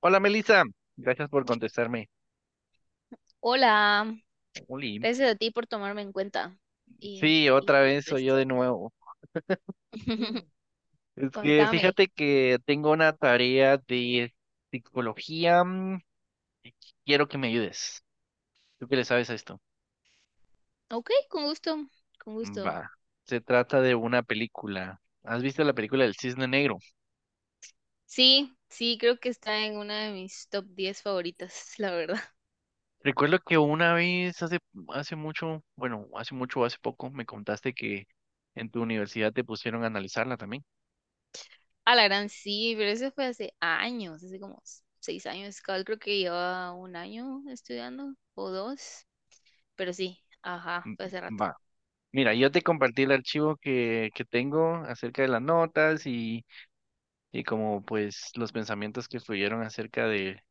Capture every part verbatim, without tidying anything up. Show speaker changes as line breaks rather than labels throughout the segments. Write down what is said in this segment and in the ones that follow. Hola Melissa, gracias por contestarme.
Hola,
Jolín.
gracias a ti por tomarme en cuenta y,
Sí,
y
otra
hablar
vez
de
soy
esto.
yo de nuevo. Es que
Contame.
fíjate que tengo una tarea de psicología mm, y quiero que me ayudes. ¿Tú qué le sabes a esto?
Ok, con gusto, con gusto.
Va, se trata de una película. ¿Has visto la película del Cisne Negro?
Sí, sí, creo que está en una de mis top diez favoritas, la verdad.
Recuerdo que una vez hace, hace mucho, bueno, hace mucho o hace poco me contaste que en tu universidad te pusieron a analizarla también.
A la gran sí, pero eso fue hace años, hace como seis años. Cabal, creo que llevaba un año estudiando o dos, pero sí, ajá,
Mm,
fue hace rato.
Va. Mira, yo te compartí el archivo que, que tengo acerca de las notas y, y como pues los pensamientos que fluyeron acerca de,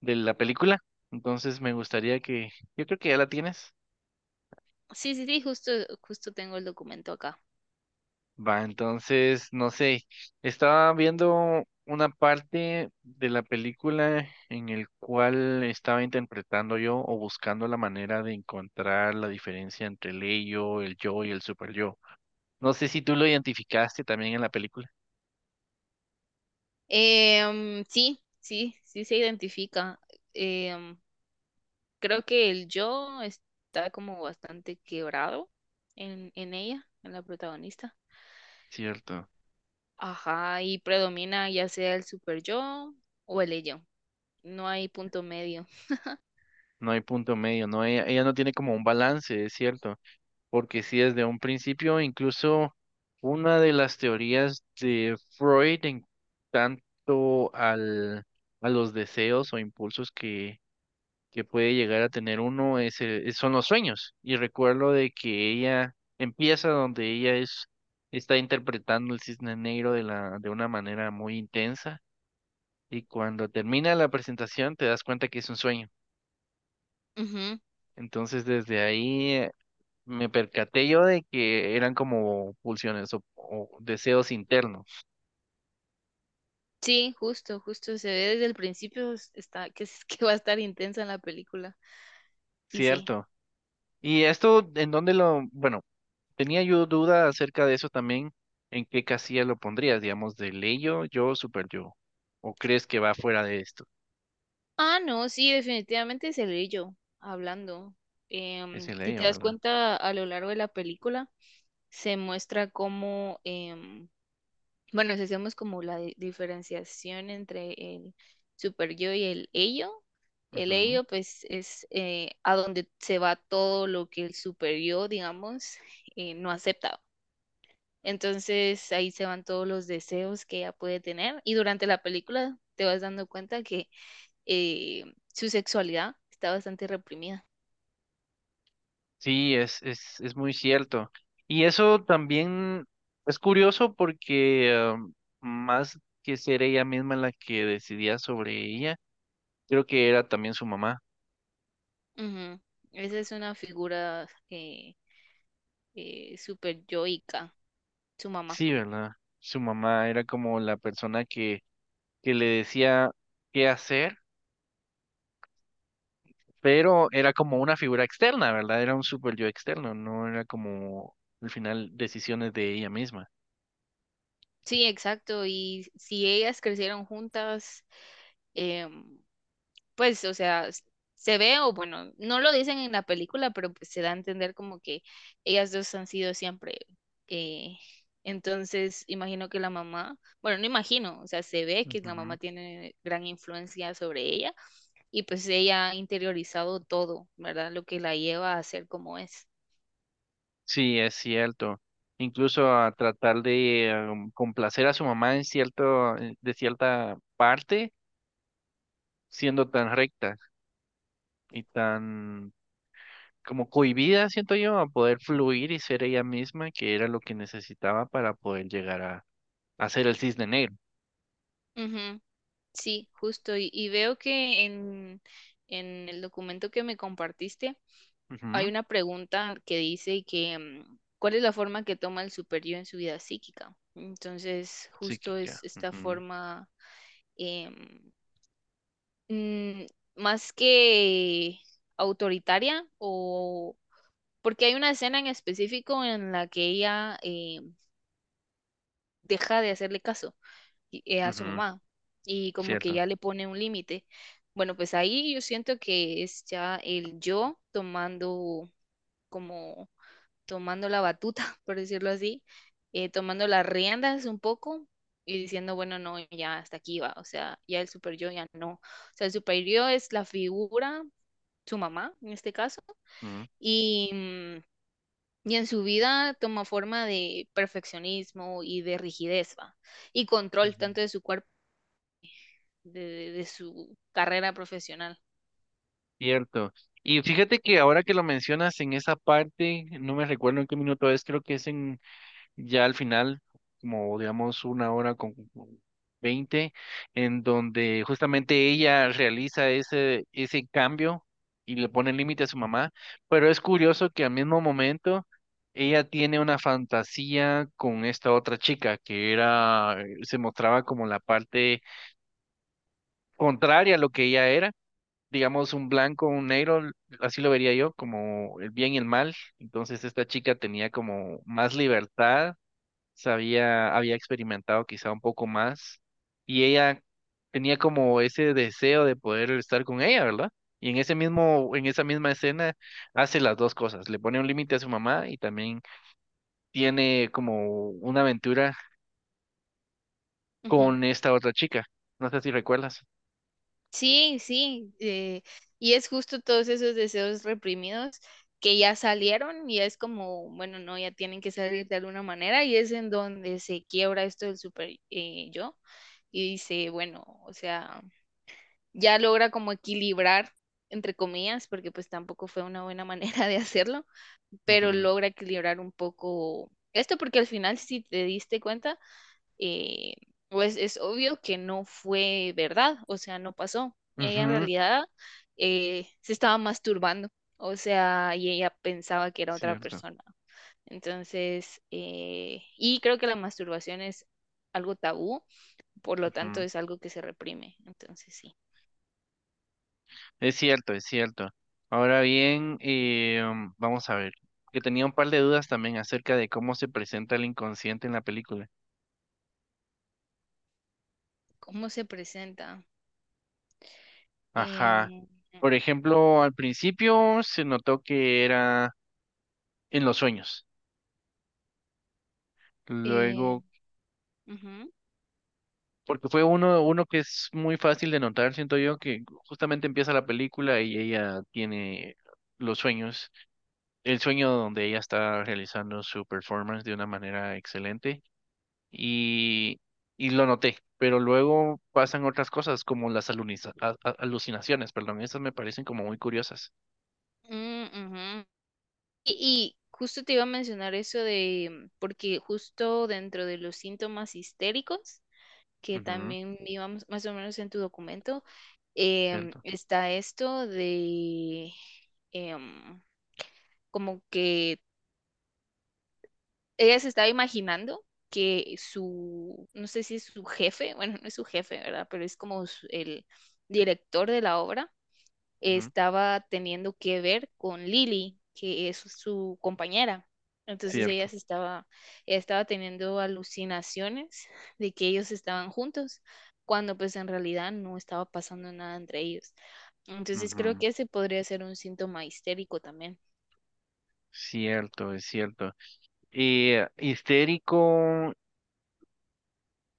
de la película. Entonces me gustaría que, yo creo que ya la tienes.
Sí, sí, sí, justo, justo tengo el documento acá.
Va, entonces, no sé, estaba viendo una parte de la película en el cual estaba interpretando yo o buscando la manera de encontrar la diferencia entre el ello, el yo y el super yo. No sé si tú lo identificaste también en la película,
Em, sí, sí, sí se identifica. Em, Creo que el yo está como bastante quebrado en, en ella, en la protagonista.
¿cierto?
Ajá, y predomina ya sea el super yo o el ello. No hay punto medio.
No hay punto medio, no, ella, ella no tiene como un balance, es cierto, porque si desde un principio, incluso una de las teorías de Freud en tanto al, a los deseos o impulsos que, que puede llegar a tener uno es, el- es- son los sueños. Y recuerdo de que ella empieza donde ella es, está interpretando el cisne negro de la, de una manera muy intensa, y cuando termina la presentación te das cuenta que es un sueño.
Ujú.
Entonces desde ahí me percaté yo de que eran como pulsiones o, o deseos internos,
Sí, justo, justo. Se ve desde el principio es- está, que, es- que va a estar intensa en la película. Y sí.
¿cierto? Y esto, ¿en dónde lo...? Bueno, tenía yo duda acerca de eso también, ¿en qué casilla lo pondrías? Digamos, de ley yo, yo, super yo. ¿O crees que va fuera de esto?
Ah, no, sí, definitivamente es el ello hablando.
Es
Em,
el
si te
ello,
das
¿verdad?
cuenta, a lo largo de la película se muestra cómo em, bueno, si hacemos como la di- diferenciación entre el super yo y el ello, el
Ujú.
ello pues es eh, a donde se va todo lo que el super yo, digamos, eh, no acepta. Entonces ahí se van todos los deseos que ella puede tener y durante la película te vas dando cuenta que eh, su sexualidad está bastante reprimida.
Sí, es, es, es muy cierto. Y eso también es curioso porque ah, más que ser ella misma la que decidía sobre ella, creo que era también su mamá.
Ujú. Esa es una figura eh, eh, super yoica, su mamá.
Sí, ¿verdad? Su mamá era como la persona que, que le decía qué hacer, pero era como una figura externa, ¿verdad? Era un super yo externo, no era como al final decisiones de ella misma.
Sí, exacto. Y si ellas crecieron juntas, em, pues, o sea, s- se ve, o bueno, no lo dicen en la película, pero pues se da a entender como que ellas dos han sido siempre. eh, entonces, imagino que la mamá, bueno, no imagino, o sea, se ve que la mamá
Ujú.
tiene gran influencia sobre ella y pues ella ha interiorizado todo, ¿verdad? Lo que la lleva a ser como es.
Sí, es cierto. Incluso a tratar de em, complacer a su mamá en cierto, en- de cierta parte, siendo tan recta y tan como cohibida, siento yo, a poder fluir y ser ella misma, que era lo que necesitaba para poder llegar a hacer el cisne negro.
Sí, justo. Y, y veo que en, en el documento que me compartiste hay
Ujú.
una pregunta que dice que mm, ¿cuál es la forma que toma el superior en su vida psíquica? Entonces, justo es
Psíquica.
esta
Ujú,
forma em, mm, más que autoritaria o porque hay una escena en específico en la que ella eh, deja de hacerle caso y- eh, a su
ujú.
mamá y como que
Cierto.
ya le pone un límite. Bueno, pues ahí yo siento que es ya el yo tomando como tomando la batuta, por decirlo así, eh, tomando las riendas un poco y diciendo, bueno, no, ya hasta aquí va, o sea, ya el super yo ya no. O sea, el super yo es la figura, su mamá en este caso,
Ujú,
y, mm, y en su vida toma forma de perfeccionismo y de rigidez, va, y control
ujú.
tanto de su cuerpo de, de- de su carrera profesional.
Cierto. Y fíjate que ahora que lo mencionas en esa parte, no me recuerdo en qué minuto es, creo que es en ya al final, como digamos una hora con veinte, en donde justamente ella realiza ese, ese cambio y le pone límite a su mamá, pero es curioso que al mismo momento ella tiene una fantasía con esta otra chica que era, eh, se mostraba como la parte contraria a lo que ella era. Digamos un blanco, un negro, así lo vería yo, como el bien y el mal. Entonces esta chica tenía como más libertad, sabía, había experimentado quizá un poco más y ella tenía como ese deseo de poder estar con ella, ¿verdad? Y en ese mismo, en esa misma escena hace las dos cosas, le pone un límite a su mamá y también tiene como una aventura
Ujú.
con esta otra chica. No sé si recuerdas.
Sí, sí, eh, y es justo todos esos deseos reprimidos que ya salieron y es como, bueno, no, ya tienen que salir de alguna manera y es en donde se quiebra esto del super eh, yo y dice, bueno, o sea, ya logra como equilibrar, entre comillas, porque pues tampoco fue una buena manera de hacerlo, pero
Ujú,
logra equilibrar un poco esto porque al final, si te diste cuenta, eh, pues es obvio que no fue verdad, o sea, no pasó. Ella en
ujú.
realidad eh, se estaba masturbando, o sea, y ella pensaba que era otra
Cierto.
persona. Entonces, eh, y creo que la masturbación es algo tabú, por lo tanto
Ujú.
es algo que se reprime. Entonces, sí.
Es cierto, es cierto. Ahora bien, eh, um, vamos a ver, que tenía un par de dudas también acerca de cómo se presenta el inconsciente en la película.
¿Cómo se presenta?
Ajá.
Em,
Por ejemplo, al principio se notó que era en los sueños.
eh,
Luego,
Ujú,
porque fue uno, uno que es muy fácil de notar, siento yo, que justamente empieza la película y ella tiene los sueños, el sueño donde ella está realizando su performance de una manera excelente y, y lo noté. Pero luego pasan otras cosas como las aluniza- a- a- alucinaciones, perdón, esas me parecen como muy curiosas.
mm, ujú. Y, y justo te iba a mencionar eso de, porque justo dentro de los síntomas histéricos, que
Ujú,
también íbamos más o menos en tu documento, em,
cierto.
está esto de em, como que ella se estaba imaginando que su, no sé si es su jefe, bueno, no es su jefe, ¿verdad? Pero es como su- el director de la obra
Ujú,
estaba teniendo que ver con Lily, que es su compañera. Entonces ella
cierto.
se estaba, ella estaba teniendo alucinaciones de que ellos estaban juntos, cuando pues en realidad no estaba pasando nada entre ellos. Entonces creo
Ujú.
que ese podría ser un síntoma histérico también.
Cierto, es cierto. Eh, histérico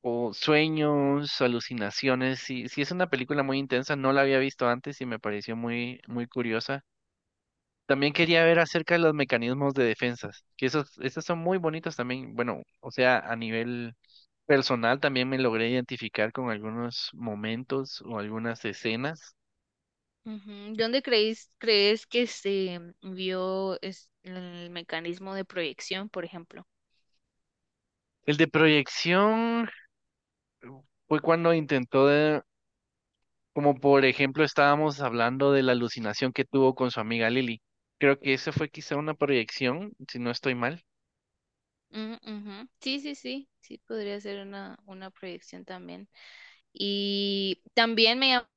o sueños, alucinaciones. Sí, sí es una película muy intensa, no la había visto antes y me pareció muy, muy curiosa. También quería ver acerca de los mecanismos de defensas, que esos, esos son muy bonitos también. Bueno, o sea, a nivel personal también me logré identificar con algunos momentos o algunas escenas.
Ujú. ¿Dónde creéis, crees que se vio es- el mecanismo de proyección, por ejemplo?
El de proyección fue cuando intentó de... Como por ejemplo estábamos hablando de la alucinación que tuvo con su amiga Lily. Creo que esa fue quizá una proyección, si no estoy mal.
Mm, ujú. Sí, sí, sí, sí, podría ser una, una proyección también. Y también me llam-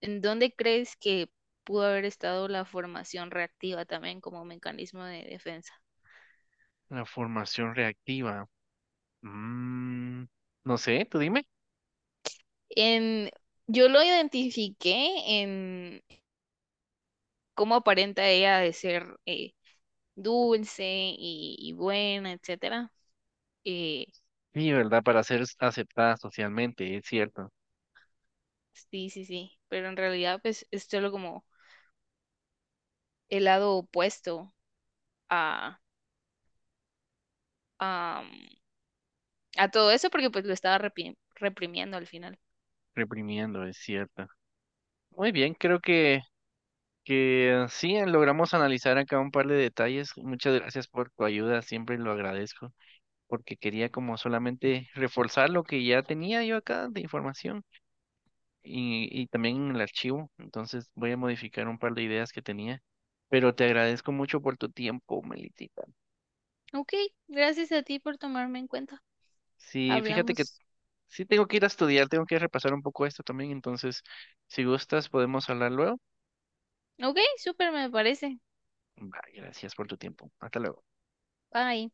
¿En dónde crees que pudo haber estado la formación reactiva también como mecanismo de defensa?
La formación reactiva. Mm, no sé, tú dime.
En, yo lo identifiqué en cómo aparenta ella de ser eh, dulce y, y buena, etcétera. Eh,
Sí, ¿verdad? Para ser s- aceptada socialmente, es cierto.
sí, sí, sí. Pero en realidad, pues, es solo como el lado opuesto a, a, a todo eso, porque pues lo estaba repi- reprimiendo al final.
Reprimiendo, es cierto. Muy bien, creo que, que sí, logramos analizar acá un par de detalles. Muchas gracias por tu ayuda, siempre lo agradezco, porque quería como solamente reforzar lo que ya tenía yo acá de información y, y también en el archivo. Entonces voy a modificar un par de ideas que tenía. Pero te agradezco mucho por tu tiempo, Melitita.
Ok, gracias a ti por tomarme en cuenta.
Sí, fíjate que
Hablamos.
sí tengo que ir a estudiar, tengo que repasar un poco esto también. Entonces, si gustas, podemos hablar luego.
Ok, súper me parece.
Bye, gracias por tu tiempo. Hasta luego.
Bye.